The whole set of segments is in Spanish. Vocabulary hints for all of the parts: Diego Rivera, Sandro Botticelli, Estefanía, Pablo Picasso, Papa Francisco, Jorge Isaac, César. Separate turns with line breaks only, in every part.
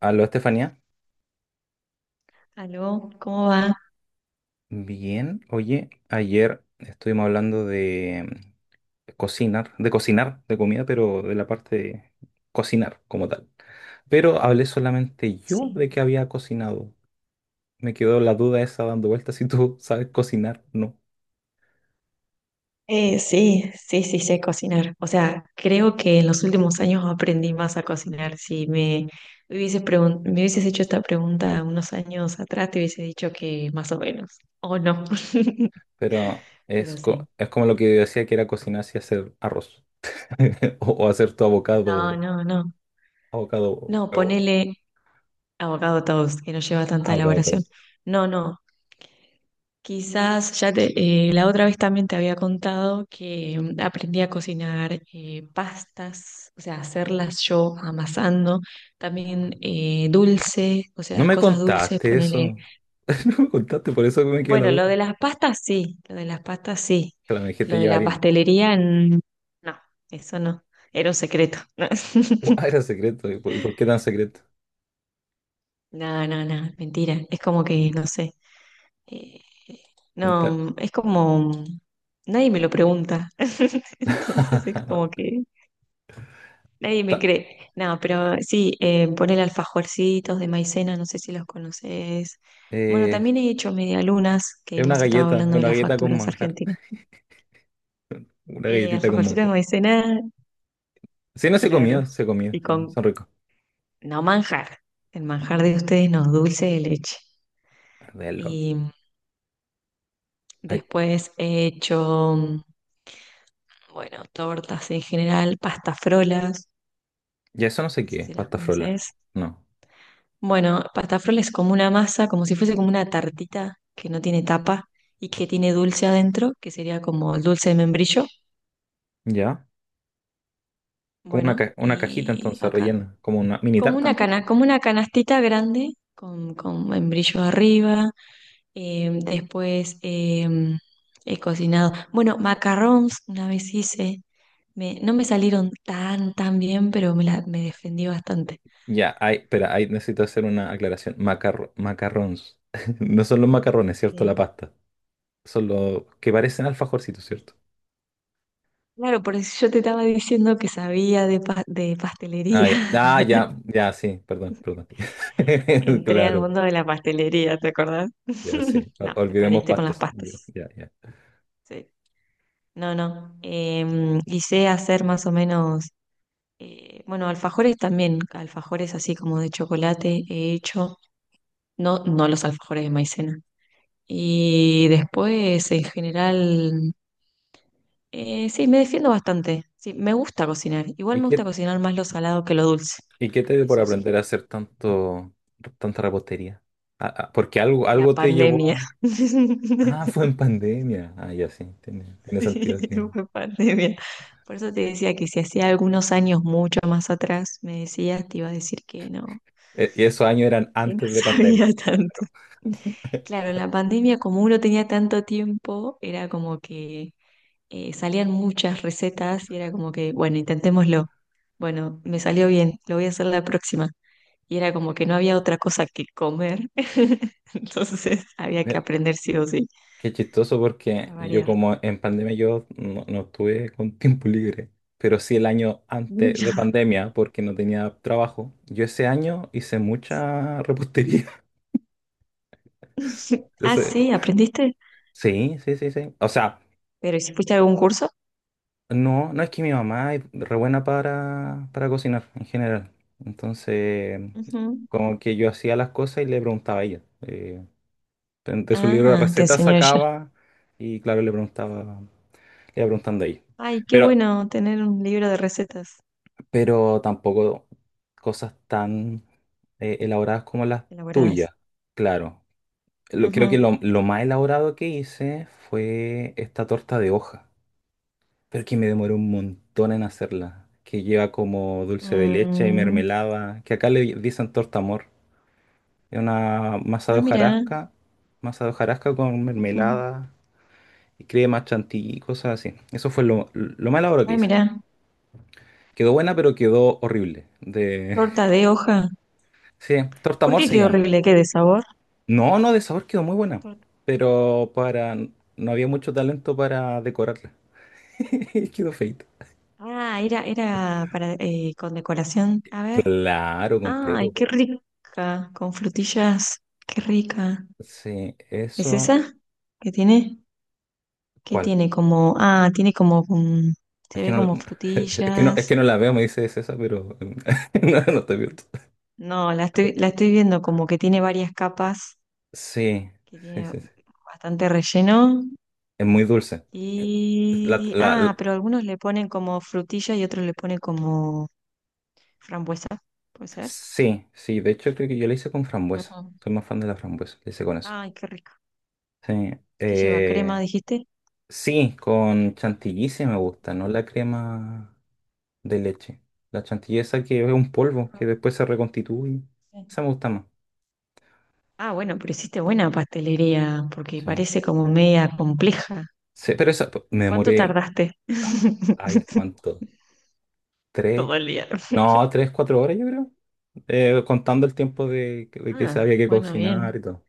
Aló, Estefanía.
¿Aló? ¿Cómo va?
Bien, oye, ayer estuvimos hablando de cocinar, de cocinar, de comida, pero de la parte de cocinar como tal. Pero hablé solamente
Sí.
yo de que había cocinado. Me quedó la duda esa dando vueltas si tú sabes cocinar, no.
Sí, sí, sí sé cocinar. O sea, creo que en los últimos años aprendí más a cocinar. Si me me hubieses hecho esta pregunta unos años atrás, te hubiese dicho que más o menos. O no.
Pero es,
Pero sí.
es como lo que yo decía que era cocinar si hacer arroz o hacer tu
No,
avocado,
no, no.
avocado,
No,
huevo,
ponele abogado toast, que no lleva tanta
avocado
elaboración.
toast.
No, no. Quizás ya te- la otra vez también te había contado que aprendí a cocinar pastas, o sea, hacerlas yo amasando, también dulce, o
No
sea,
me
cosas dulces,
contaste
ponele.
eso. No me contaste, por eso me quedó la
Bueno, lo
duda.
de las pastas sí, lo de las pastas sí,
Claro, me dijiste
lo de
llevar
la
harina.
pastelería no, eso no, era un secreto.
Ah, era secreto. ¿Y y por qué tan secreto?
No, no, no, mentira, es como que no sé. Eh,
Ta-
no, es como, nadie me lo pregunta, entonces es como que nadie me
ta-
cree. No, pero sí, poner alfajorcitos de maicena, no sé si los conoces. Bueno,
eh,
también he hecho medialunas, que hemos estado
es
hablando de
una
las
galleta con
facturas
manjar.
argentinas.
Una galletita con
Alfajorcitos de
manjar.
maicena,
Sí, no se comió,
claro.
se comió,
Y
se comió.
con,
Son ricos.
no manjar, el manjar de ustedes no, dulce de leche.
Verlo.
Y
Ay,
después he hecho, bueno, tortas en general, pastafrolas.
ya eso no sé
No sé
qué es,
si las
pasta frola.
conoces.
No.
Bueno, pastafroles es como una masa, como si fuese como una tartita que no tiene tapa y que tiene dulce adentro, que sería como el dulce de membrillo.
¿Ya? Como una,
Bueno,
una cajita
y
entonces
acá,
rellena. Como una mini tarta entonces.
como una canastita grande con membrillo arriba. Después, he cocinado. Bueno, macarons una vez hice. No me salieron tan, tan bien, pero me defendí bastante.
Ya, ay, espera, ahí necesito hacer una aclaración. Macarrons. No son los macarrones, ¿cierto? La pasta. Son los que parecen alfajorcitos, ¿cierto?
Claro, por eso yo te estaba diciendo que sabía de
Ah,
pastelería.
ya, ah, ya, ya, sí, perdón, perdón.
Entré al
Claro,
mundo de la pastelería, ¿te acordás?
ya, sí.
No, te
Olvidemos
perdiste con las
pastas.
pastas.
Ya, ya.
Sí. No, no. Y sé hacer más o menos, bueno, alfajores también, alfajores así como de chocolate he hecho, no, no los alfajores de maicena. Y después, en general, sí, me defiendo bastante. Sí, me gusta cocinar. Igual
¿Y
me gusta
qué,
cocinar más lo salado que lo dulce,
y qué te dio por
eso sí.
aprender a hacer tanto, tanta repostería? Ah, ah, porque algo,
La
algo te llevó
pandemia.
a... Ah, fue en pandemia. Ah, ya, sí, tiene, tiene
Sí,
sentido que...
fue pandemia. Por eso te decía que si hacía algunos años mucho más atrás me decías, te iba a decir
Y esos años eran
que no
antes de pandemia.
sabía tanto.
Claro.
Claro, en la pandemia como uno tenía tanto tiempo, era como que salían muchas recetas y era como que, bueno, intentémoslo. Bueno, me salió bien, lo voy a hacer la próxima. Y era como que no había otra cosa que comer, entonces había que aprender sí o sí,
Qué chistoso porque
para
yo
variar.
como en pandemia yo no, no estuve con tiempo libre, pero sí el año antes de pandemia porque no tenía trabajo. Yo ese año hice
Sí,
mucha repostería.
ah,
Entonces,
sí, aprendiste.
sí, sí, sí, sí. O sea,
Pero ¿y si fuiste a algún curso?
no, no es que mi mamá es re buena para cocinar en general. Entonces,
Ujú.
como que yo hacía las cosas y le preguntaba a ella. De su libro de
Ah, te
recetas
enseñó ella.
sacaba y claro, le preguntaba, le iba preguntando a ella.
Ay, qué
Pero
bueno tener un libro de recetas
tampoco cosas tan elaboradas como las tuyas,
elaboradas.
claro. Creo que
Ujú.
lo más elaborado que hice fue esta torta de hoja, pero que me demoró un montón en hacerla, que lleva como dulce de leche y
Mm,
mermelada, que acá le dicen torta amor. Es una
ah, mira.
masa de hojarasca con
Ujú.
mermelada y crema chantilly y cosas así. Eso fue lo más elaborado que
Ah,
hice.
mira.
Quedó buena, pero quedó horrible. De...
Torta de hoja.
Sí, torta
¿Por
amor
qué
se
quedó
llama.
horrible? ¿Qué de sabor?
No, no, de sabor quedó muy buena,
Torta.
pero para no había mucho talento para decorarla. Quedó feito.
Ah, era para con decoración. A ver.
Claro, completo.
Ay,
Po.
qué rica. Con frutillas. Qué rica.
Sí,
¿Es
eso.
esa? ¿Qué tiene? ¿Qué
¿Cuál?
tiene como? Ah, tiene como,
Es
se
que
ve
no,
como
es
frutillas.
que no la veo, me dice César, pero no, no estoy viendo.
No, la estoy viendo como que tiene varias capas,
Sí,
que
sí,
tiene
sí, sí.
bastante relleno.
Es muy dulce. La,
Y,
la-
ah,
la-
pero algunos le ponen como frutilla y otros le ponen como frambuesa, ¿puede ser?
sí, sí, de hecho creo que yo la hice con frambuesa.
Ujú.
Soy más fan de la frambuesa, la hice con eso.
Ay, qué rico.
Sí,
¿Qué lleva? ¿Crema,
eh,
dijiste?
sí, con chantilly sí me gusta, no la crema. De leche. La chantilly esa que es un polvo
Ajá,
que después se reconstituye.
sí.
Esa me gusta más.
Ah, bueno, pero hiciste buena pastelería, porque
Sí.
parece como media compleja.
Sí, pero me
¿Cuánto
demoré.
tardaste?
Ah, ay, ¿cuánto? ¿Tres?
Todo el día.
No, tres, cuatro horas yo creo. Contando el tiempo de que se
Ah,
había que
bueno,
cocinar
bien.
y todo.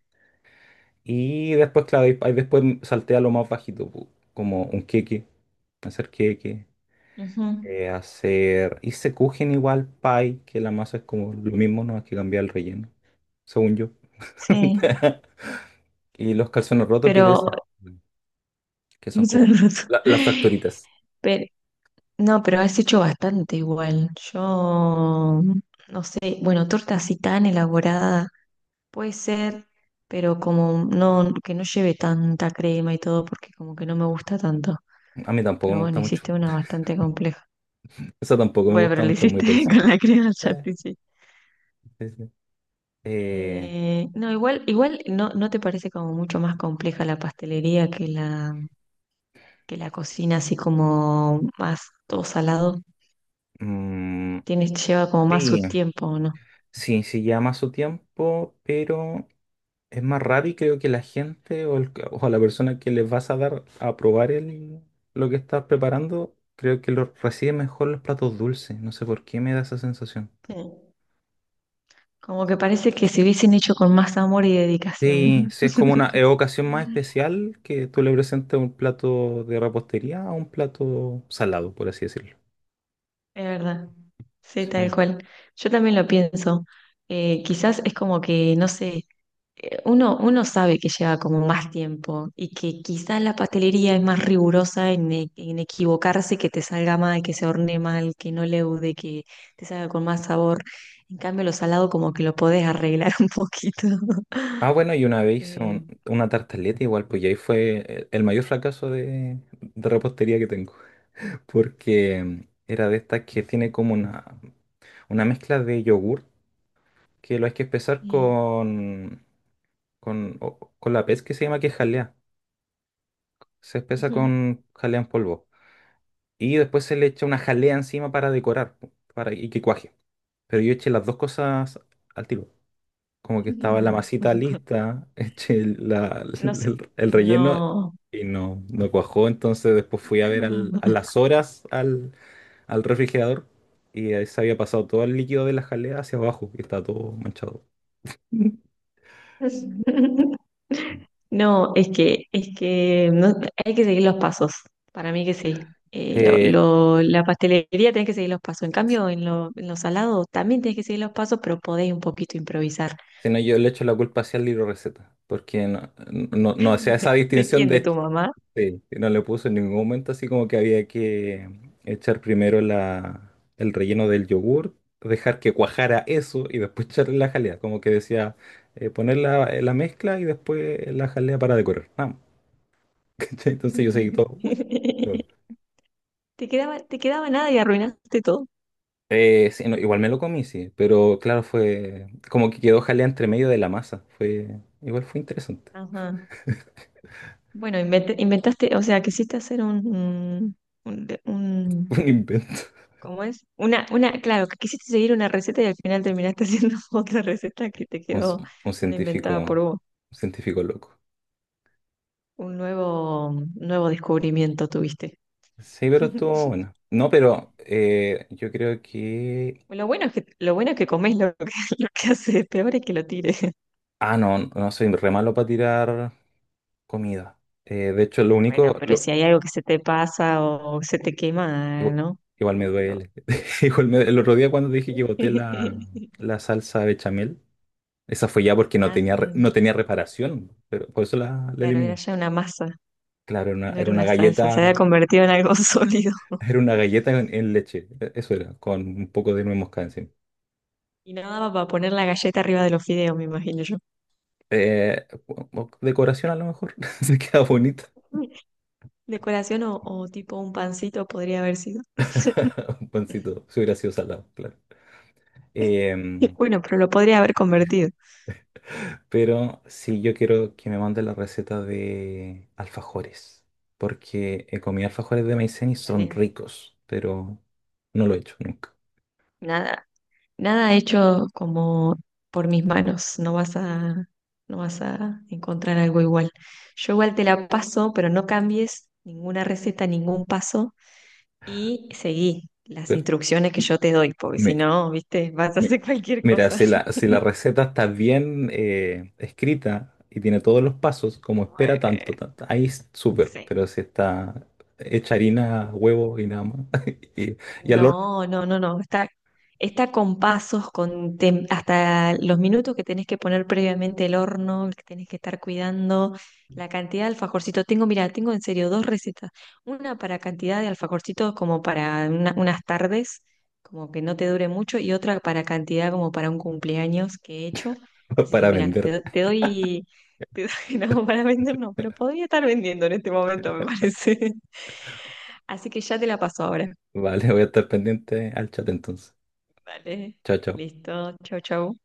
Y después, claro, ahí después salté a lo más bajito, pu- como un queque,
Ujú.
hacer... Hice kuchen igual, pie, que la masa es como lo mismo, no hay que cambiar el relleno, según yo.
Sí,
Y los calzones rotos que te
pero,
decía, que son como las fracturitas.
pero no, pero has hecho bastante igual. Yo no sé, bueno, torta así tan elaborada puede ser, pero como no, que no lleve tanta crema y todo, porque como que no me gusta tanto.
A mí tampoco
Pero
me gusta
bueno,
mucho.
hiciste una bastante compleja.
Eso tampoco me
Bueno, pero
gusta
la
mucho, es muy
hiciste
dulce.
con la crema
Sí,
ya te hice.
sí, sí. Eh,
No, igual no, no te parece como mucho más compleja la pastelería que la cocina así como más todo salado
mm,
tiene, lleva como más su
sí,
tiempo, ¿o no?
sí, sí llama su tiempo, pero es más raro y creo que la gente o la persona que les vas a dar a probar el, lo que estás preparando, creo que lo recibe mejor los platos dulces. No sé por qué me da esa sensación.
Sí. Como que parece que se hubiesen hecho con más amor y
Sí,
dedicación.
sí, es como una ocasión más especial que tú le presentes un plato de repostería a un plato salado, por así decirlo.
Es verdad, sí,
Sí.
tal cual. Yo también lo pienso. Quizás es como que, no sé, uno sabe que lleva como más tiempo y que quizás la pastelería es más rigurosa en, en equivocarse, que te salga mal, que se hornee mal, que no leude, que te salga con más sabor. En cambio, lo salado como que lo podés arreglar un poquito.
Ah, bueno, y una vez hice
Eh,
una tartaleta igual, pues y ahí fue el mayor fracaso de repostería que tengo, porque era de estas que tiene como una mezcla de yogur que lo hay que espesar
bien.
con, con la pez que se llama que es jalea. Se espesa
Ujú.
con jalea en polvo. Y después se le echa una jalea encima para decorar, po, para y que cuaje. Pero yo eché las dos cosas al tiro. Como que estaba la masita lista, eché
No sé,
el
no.
relleno y no, no cuajó. Entonces después fui a ver a las horas al, al refrigerador y ahí se había pasado todo el líquido de la jalea hacia abajo y estaba todo manchado.
No, es que hay que seguir los pasos. Para mí que sí.
Eh,
La pastelería tenés que seguir los pasos. En cambio, en los salados también tenés que seguir los pasos, pero podés un poquito improvisar.
si no, yo le echo la culpa hacia el libro receta, porque no, no, no hacía esa
¿De
distinción
quién? ¿De
de
tu mamá?
sí, y no le puso en ningún momento así como que había que echar primero la, el relleno del yogur, dejar que cuajara eso y después echarle la jalea. Como que decía, poner la, la mezcla y después la jalea para decorar. Ah, ¿cachai? Entonces yo seguí todo. "Uy, no".
Te quedaba nada y arruinaste todo.
Sí, no, igual me lo comí, sí, pero claro, fue como que quedó jalea entre medio de la masa. Fue, igual fue interesante.
Ajá. Bueno, inventaste, o sea, quisiste hacer un
Fue un invento.
¿cómo es? Una, claro, que quisiste seguir una receta y al final terminaste haciendo otra receta que te
Un,
quedó
un
una
científico,
inventada por
un
vos.
científico loco.
Un nuevo descubrimiento tuviste.
Sí, pero estuvo bueno. No, pero yo creo que...
Lo bueno es que comes lo que, lo que haces, peor es que lo tires.
Ah, no, no soy re malo para tirar comida. De hecho, lo
Bueno,
único...
pero
lo-
si hay algo que se te pasa o se te quema,
igu-
¿no?
Igual, me
Lo- lo-
duele. El otro día cuando dije que boté la, la salsa bechamel, esa fue ya porque no
Ah,
tenía,
sí.
no tenía reparación, pero por eso la, la
Claro, era
eliminé.
ya una masa,
Claro,
no
era
era
una
una salsa, se había
galleta,
convertido en algo sólido.
era una galleta en leche, eso era, con un poco de nuez moscada encima.
Y no daba para poner la galleta arriba de los fideos, me imagino yo.
O decoración a lo mejor, se queda bonita.
Decoración o tipo un pancito podría haber sido.
Un pancito, si hubiera sido salado, claro. Em,
Bueno, pero lo podría haber convertido.
pero sí, yo quiero que me mande la receta de alfajores, porque he comido alfajores de maicena y son
Dale.
ricos, pero no lo he hecho nunca.
Nada, nada hecho como por mis manos. No vas a encontrar algo igual. Yo igual te la paso, pero no cambies ninguna receta, ningún paso y seguí las
Pero
instrucciones que yo te doy, porque si
me-
no, viste, vas a
me-
hacer cualquier
mira,
cosa.
si la, si la receta está bien escrita y tiene todos los pasos, como espera
Eh,
tanto, tanto, ahí es súper,
sí.
pero si está hecha harina, huevo y nada más, y, y al horno
No, no, no, no. Está, está con pasos, hasta los minutos que tenés que poner previamente el horno, que tenés que estar cuidando, la cantidad de alfajorcitos. Tengo, mira, tengo en serio 2 recetas. Una para cantidad de alfajorcitos como para unas tardes, como que no te dure mucho, y otra para cantidad como para un cumpleaños que he hecho. Así que
para
mira,
vender.
te doy, no, para vender no, pero podría estar vendiendo en este momento, me parece. Así que ya te la paso ahora.
Vale, voy a estar pendiente al chat entonces.
Vale,
Chao, chao.
listo. Chau, chau.